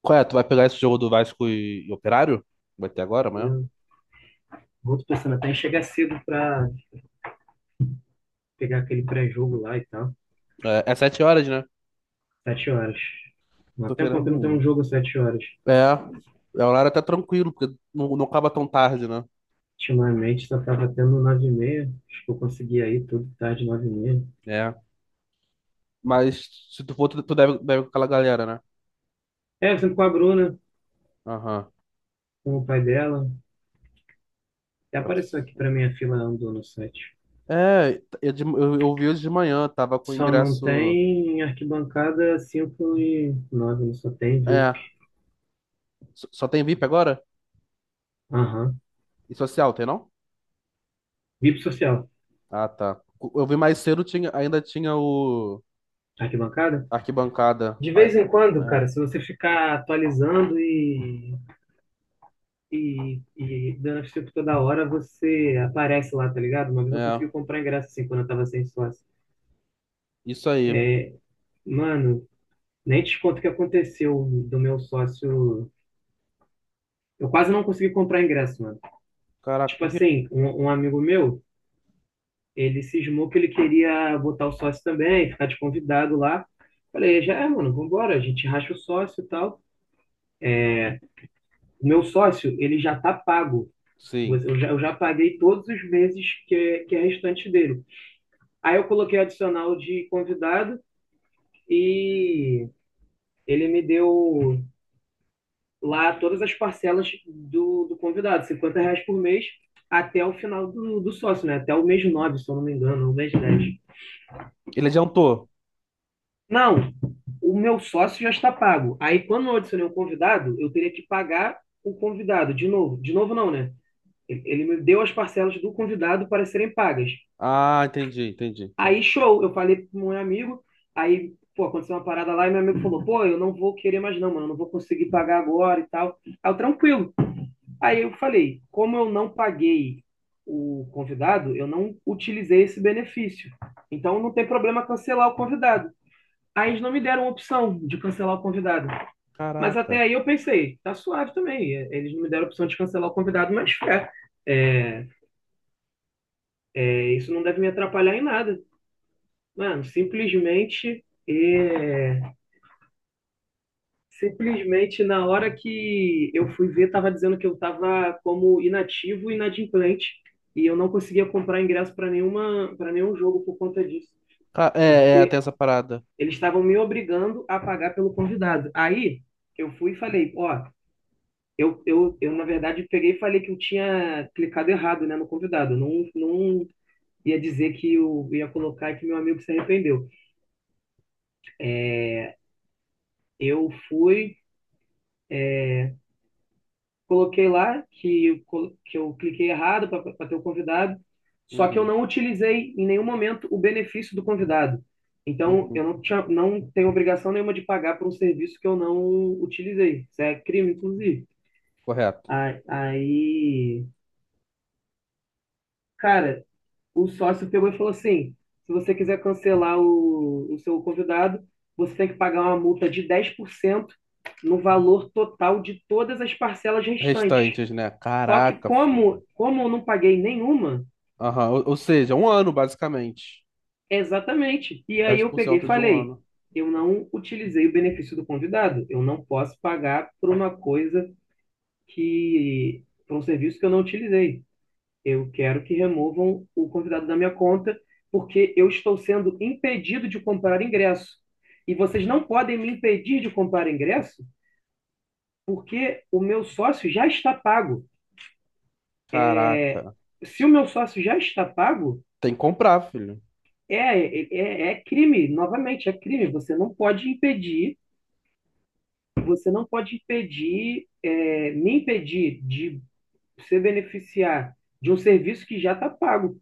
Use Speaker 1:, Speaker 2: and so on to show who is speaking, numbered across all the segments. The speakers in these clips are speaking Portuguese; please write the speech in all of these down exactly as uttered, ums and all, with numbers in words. Speaker 1: Qual é? Tu vai pegar esse jogo do Vasco e, e Operário? Vai ter agora, amanhã?
Speaker 2: Valeu. Vou tô pensando até em chegar cedo pra pegar aquele pré-jogo lá e tal.
Speaker 1: É, é sete horas, né?
Speaker 2: Sete horas. Há
Speaker 1: Tô
Speaker 2: tempo que não tem um
Speaker 1: querendo.
Speaker 2: jogo às sete horas.
Speaker 1: É, é um horário até tranquilo, porque não, não acaba tão tarde, né?
Speaker 2: Ultimamente só tava tendo nove e meia. Acho que eu consegui aí tudo tarde, nove e meia.
Speaker 1: É. Mas se tu for, tu, tu deve, deve com aquela galera, né?
Speaker 2: É, eu sempre com a Bruna,
Speaker 1: Aham.
Speaker 2: com o pai dela. Até apareceu aqui pra mim a fila andou no site.
Speaker 1: É, eu, de- eu, eu vi hoje de manhã, tava com o
Speaker 2: Só não
Speaker 1: ingresso.
Speaker 2: tem arquibancada cinco e nove, só tem
Speaker 1: É,
Speaker 2: VIP.
Speaker 1: só só tem V I P agora?
Speaker 2: Aham.
Speaker 1: E social, tem não?
Speaker 2: VIP social.
Speaker 1: Ah, tá. Eu vi mais cedo, tinha, ainda tinha o
Speaker 2: Arquibancada?
Speaker 1: arquibancada.
Speaker 2: De
Speaker 1: Ah,
Speaker 2: vez em quando, cara, se você ficar atualizando e E, e durante, tipo, toda hora você aparece lá, tá ligado? Uma
Speaker 1: é,
Speaker 2: vez eu consegui
Speaker 1: é,
Speaker 2: comprar ingresso assim quando eu tava sem sócio.
Speaker 1: isso aí.
Speaker 2: Mano, nem te conto o que aconteceu do meu sócio. Eu quase não consegui comprar ingresso, mano.
Speaker 1: Caraca,
Speaker 2: Tipo
Speaker 1: por quê?
Speaker 2: assim, um, um amigo meu, ele cismou que ele queria botar o sócio também, ficar de convidado lá. Falei, já é, mano, vambora, a gente racha o sócio e tal. O meu sócio, ele já tá pago.
Speaker 1: Sim.
Speaker 2: Eu já, eu já paguei todos os meses que é, que é restante dele. Aí eu coloquei adicional de convidado e ele me deu lá todas as parcelas do, do convidado, cinquenta reais por mês, até o final do, do sócio, né? Até o mês nove, se eu não me engano, o mês dez.
Speaker 1: Ele adiantou.
Speaker 2: Não, o meu sócio já está pago. Aí, quando eu adicionei um convidado, eu teria que pagar o convidado de novo. De novo, não, né? Ele, ele me deu as parcelas do convidado para serem pagas.
Speaker 1: Ah, entendi, entendi,
Speaker 2: Aí,
Speaker 1: entendi.
Speaker 2: show, eu falei pro meu amigo, aí, pô, aconteceu uma parada lá e meu amigo falou, pô, eu não vou querer mais não, mano, eu não vou conseguir pagar agora e tal. Aí, eu, tranquilo. Aí eu falei, como eu não paguei o convidado, eu não utilizei esse benefício. Então não tem problema cancelar o convidado. Aí eles não me deram opção de cancelar o convidado. Mas até
Speaker 1: Caraca.
Speaker 2: aí eu pensei, tá suave também. É, eles não me deram opção de cancelar o convidado, mas é, é, é, isso não deve me atrapalhar em nada. Mano, simplesmente é, Simplesmente na hora que eu fui ver, estava dizendo que eu estava como inativo e inadimplente, e eu não conseguia comprar ingresso para nenhuma para nenhum jogo por conta disso,
Speaker 1: Ca- É, é, tem
Speaker 2: porque
Speaker 1: essa parada.
Speaker 2: eles estavam me obrigando a pagar pelo convidado. Aí eu fui e falei, ó, eu, eu, eu na verdade peguei e falei que eu tinha clicado errado, né, no convidado. Eu Não não ia dizer que eu ia colocar e que meu amigo se arrependeu. Eu fui coloquei lá que, eu colo- que eu cliquei errado para ter o convidado, só que eu
Speaker 1: Uhum,
Speaker 2: não utilizei em nenhum momento o benefício do convidado. Então,
Speaker 1: uhum.
Speaker 2: eu não tinha, não tenho obrigação nenhuma de pagar por um serviço que eu não utilizei. Isso é crime, inclusive.
Speaker 1: Correto.
Speaker 2: A- Aí, cara, o sócio pegou e falou assim: se você quiser cancelar o, o seu convidado, você tem que pagar uma multa de dez por cento no valor total de todas as parcelas restantes.
Speaker 1: Restantes, né?
Speaker 2: Só que,
Speaker 1: Caraca,
Speaker 2: como,
Speaker 1: filho.
Speaker 2: como eu não paguei nenhuma,
Speaker 1: Aham. Ou, ou seja, um ano, basicamente.
Speaker 2: exatamente. E aí
Speaker 1: Dez
Speaker 2: eu
Speaker 1: por
Speaker 2: peguei e
Speaker 1: cento de um
Speaker 2: falei,
Speaker 1: ano.
Speaker 2: eu não utilizei o benefício do convidado. Eu não posso pagar por uma coisa que, por um serviço que eu não utilizei. Eu quero que removam o convidado da minha conta, porque eu estou sendo impedido de comprar ingresso. E vocês não podem me impedir de comprar ingresso, porque o meu sócio já está pago. É,
Speaker 1: Caraca.
Speaker 2: se o meu sócio já está pago,
Speaker 1: Tem que comprar, filho.
Speaker 2: é, é, é crime, novamente, é crime. Você não pode impedir, você não pode impedir, é, me impedir de se beneficiar de um serviço que já está pago.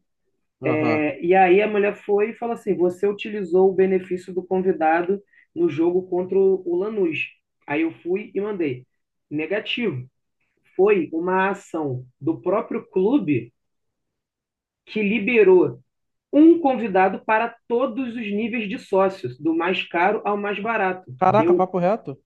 Speaker 1: Aham.
Speaker 2: É, e aí a mulher foi e falou assim: você utilizou o benefício do convidado no jogo contra o Lanús. Aí eu fui e mandei. Negativo. Foi uma ação do próprio clube que liberou um convidado para todos os níveis de sócios, do mais caro ao mais barato.
Speaker 1: Caraca,
Speaker 2: Deu
Speaker 1: papo reto?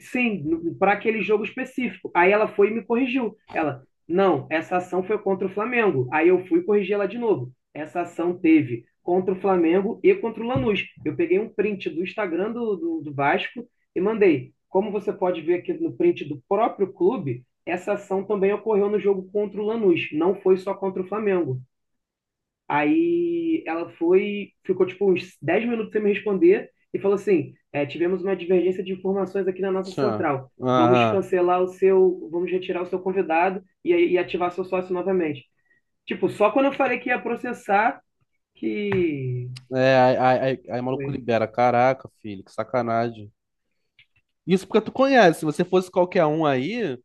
Speaker 2: sim, para aquele jogo específico. Aí ela foi e me corrigiu. Ela, não, essa ação foi contra o Flamengo. Aí eu fui corrigir ela de novo. Essa ação teve contra o Flamengo e contra o Lanús. Eu peguei um print do Instagram do, do, do Vasco e mandei. Como você pode ver aqui no print do próprio clube, essa ação também ocorreu no jogo contra o Lanús, não foi só contra o Flamengo. Aí ela foi, ficou tipo uns dez minutos sem me responder e falou assim: é, tivemos uma divergência de informações aqui na nossa
Speaker 1: Tchan.
Speaker 2: central. Vamos
Speaker 1: Aham.
Speaker 2: cancelar o seu, vamos retirar o seu convidado e, e ativar seu sócio novamente. Tipo, só quando eu falei que ia processar que.
Speaker 1: É, aí, aí, aí, aí o maluco
Speaker 2: Oi.
Speaker 1: libera. Caraca, filho, que sacanagem. Isso porque tu conhece. Se você fosse qualquer um aí,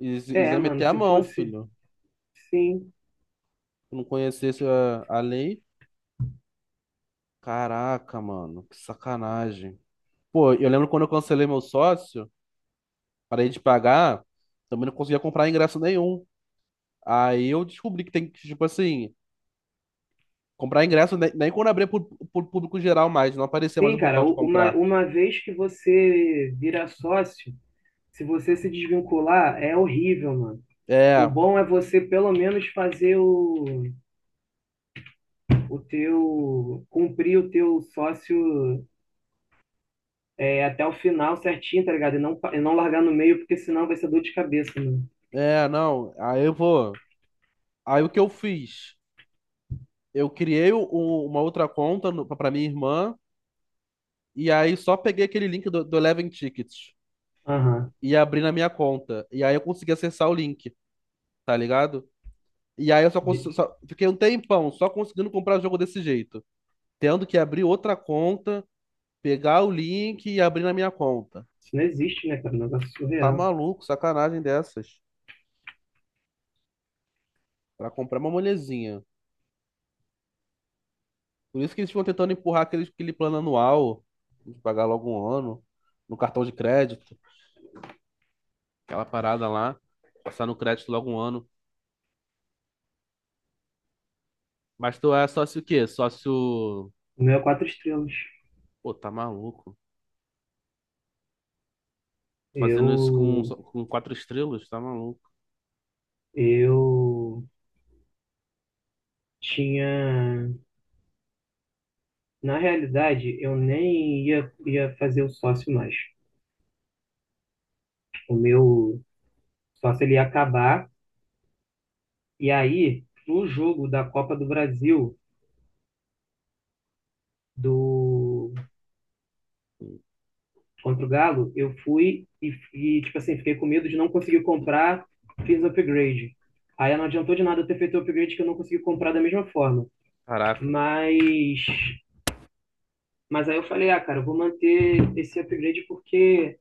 Speaker 1: is- is
Speaker 2: É,
Speaker 1: ia meter
Speaker 2: mano,
Speaker 1: a
Speaker 2: se
Speaker 1: mão,
Speaker 2: fosse.
Speaker 1: filho.
Speaker 2: Sim.
Speaker 1: Se não conhecesse a, a lei, caraca, mano, que sacanagem. Pô, eu lembro quando eu cancelei meu sócio, parei de pagar, também não conseguia comprar ingresso nenhum. Aí eu descobri que tem que, tipo assim, comprar ingresso nem, nem quando abrir pro, pro público geral mais, não aparecia mais
Speaker 2: Sim,
Speaker 1: o
Speaker 2: cara,
Speaker 1: botão de
Speaker 2: u- uma,
Speaker 1: comprar.
Speaker 2: uma vez que você vira sócio, se você se desvincular, é horrível, mano. O
Speaker 1: É,
Speaker 2: bom é você pelo menos fazer o. O teu cumprir o teu sócio, é, até o final certinho, tá ligado? E não, e não largar no meio, porque senão vai ser dor de cabeça, mano.
Speaker 1: é, não. Aí eu vou. Aí o que eu fiz? Eu criei o- o- uma outra conta no, pra minha irmã, e aí só peguei aquele link do, do Eleven Tickets
Speaker 2: Aham.
Speaker 1: e abri na minha conta. E aí eu consegui acessar o link, tá ligado? E aí eu só, cons- só- fiquei um tempão só conseguindo comprar o jogo desse jeito, tendo que abrir outra conta, pegar o link e abrir na minha conta.
Speaker 2: Isso não existe, né, cara? É um negócio
Speaker 1: Tá
Speaker 2: surreal.
Speaker 1: maluco, sacanagem dessas, pra comprar uma molezinha. Por isso que eles ficam tentando empurrar aquele, aquele plano anual, de pagar logo um ano, no cartão de crédito, aquela parada lá, passar no crédito logo um ano. Mas tu é sócio o quê? Sócio.
Speaker 2: O meu é quatro estrelas.
Speaker 1: Pô, tá maluco. Fazendo isso com,
Speaker 2: Eu,
Speaker 1: com quatro estrelas, tá maluco.
Speaker 2: eu tinha, na realidade, eu nem ia, ia fazer o sócio mais. O meu sócio ele ia acabar. E aí, no jogo da Copa do Brasil, do contra o Galo, eu fui e, e, tipo assim, fiquei com medo de não conseguir comprar, fiz upgrade. Aí não adiantou de nada eu ter feito o upgrade, que eu não consegui comprar da mesma forma.
Speaker 1: Caraca.
Speaker 2: Mas mas aí eu falei, ah, cara, eu vou manter esse upgrade porque,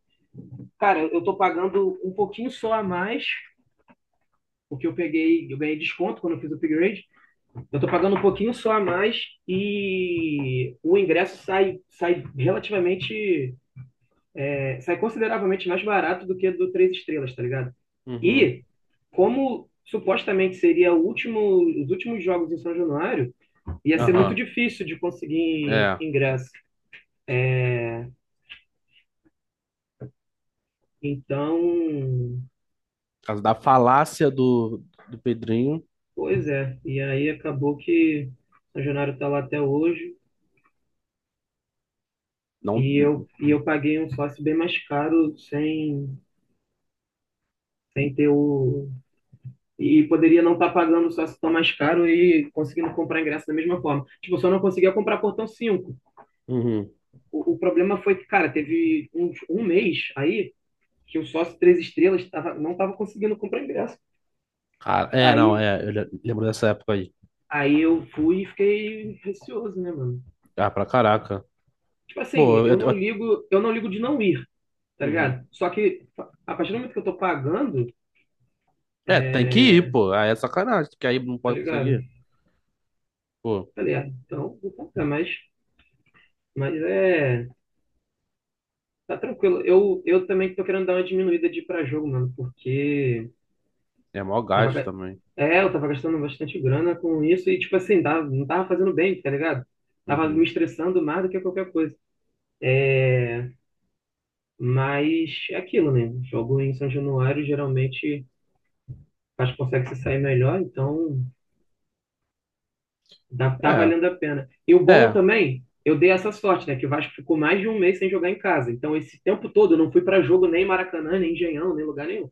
Speaker 2: cara, eu tô pagando um pouquinho só a mais, porque eu peguei, eu ganhei desconto quando eu fiz o upgrade. Eu tô pagando um pouquinho só a mais e o ingresso sai, sai relativamente sai consideravelmente mais barato do que do três estrelas, tá ligado?
Speaker 1: Uhum.
Speaker 2: E como supostamente seria o último, os últimos jogos em São Januário, ia ser muito
Speaker 1: Aham.
Speaker 2: difícil de conseguir
Speaker 1: É, por
Speaker 2: ingresso. Então,
Speaker 1: causa da falácia do, do Pedrinho.
Speaker 2: pois é. E aí acabou que São Januário está lá até hoje,
Speaker 1: Não.
Speaker 2: e eu, e eu paguei um sócio bem mais caro sem, sem ter o. E poderia não estar pagando o sócio tão mais caro e conseguindo comprar ingresso da mesma forma. Tipo, eu só não conseguia comprar portão cinco.
Speaker 1: Uhum.
Speaker 2: O, o problema foi que, cara, teve um, um mês aí que o sócio Três Estrelas tava, não tava conseguindo comprar ingresso.
Speaker 1: Ah, é, não,
Speaker 2: Aí,
Speaker 1: é. Eu le- lembro dessa época aí.
Speaker 2: aí eu fui e fiquei receoso, né, mano?
Speaker 1: Ah, pra caraca.
Speaker 2: Tipo
Speaker 1: Pô,
Speaker 2: assim, eu
Speaker 1: eu,
Speaker 2: não
Speaker 1: eu-
Speaker 2: ligo, eu não ligo de não ir, tá
Speaker 1: uhum.
Speaker 2: ligado? Só que, a partir do momento que eu tô pagando,
Speaker 1: É, tem que ir, pô. Aí é sacanagem, que aí não
Speaker 2: tá
Speaker 1: pode
Speaker 2: ligado?
Speaker 1: conseguir. Pô,
Speaker 2: Falei, ah, então vou comprar, mas, mas é. Tá tranquilo. Eu, eu também tô querendo dar uma diminuída de ir pra jogo, mano, porque
Speaker 1: é mó
Speaker 2: Tava,
Speaker 1: gasto
Speaker 2: ga-
Speaker 1: também.
Speaker 2: é, eu tava gastando bastante grana com isso e, tipo assim, tava, não tava fazendo bem, tá ligado? Tava me
Speaker 1: Uhum.
Speaker 2: estressando mais do que qualquer coisa. Mas é aquilo, né? Jogo em São Januário geralmente faz, consegue se sair melhor, então dá, tá
Speaker 1: É,
Speaker 2: valendo a pena. E o bom
Speaker 1: é.
Speaker 2: também, eu dei essa sorte, né? Que o Vasco ficou mais de um mês sem jogar em casa. Então, esse tempo todo eu não fui pra jogo nem em Maracanã, nem em Engenhão, nem lugar nenhum.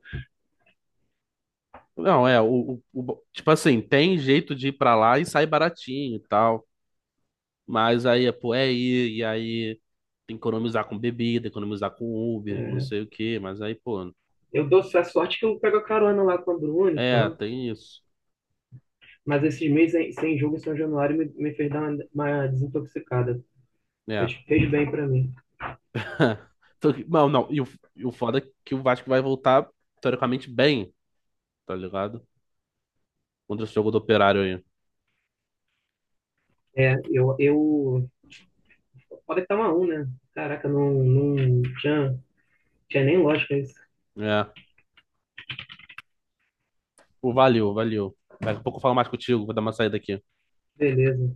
Speaker 1: Não, é. O, o, o- tipo assim, tem jeito de ir pra lá e sai baratinho e tal. Mas aí, é, pô, é ir, e aí tem que economizar com bebida, economizar com Uber, não sei o quê. Mas aí, pô,
Speaker 2: Eu dou essa sorte que eu pego a carona lá com a Bruna e
Speaker 1: é,
Speaker 2: tal.
Speaker 1: tem isso.
Speaker 2: Mas esses meses sem jogo em São Januário me, me fez dar uma, uma desintoxicada.
Speaker 1: É.
Speaker 2: Fez, fez bem pra mim.
Speaker 1: Então, não, não. E o, e o foda é que o Vasco vai voltar, teoricamente, bem, tá ligado? Contra esse jogo do Operário aí.
Speaker 2: É, eu, eu. Pode estar uma 1, né? Caraca, não, não tinha, tinha nem lógica isso.
Speaker 1: É. Pô, valeu, valeu. Daqui a pouco eu falo mais contigo, vou dar uma saída aqui.
Speaker 2: Beleza.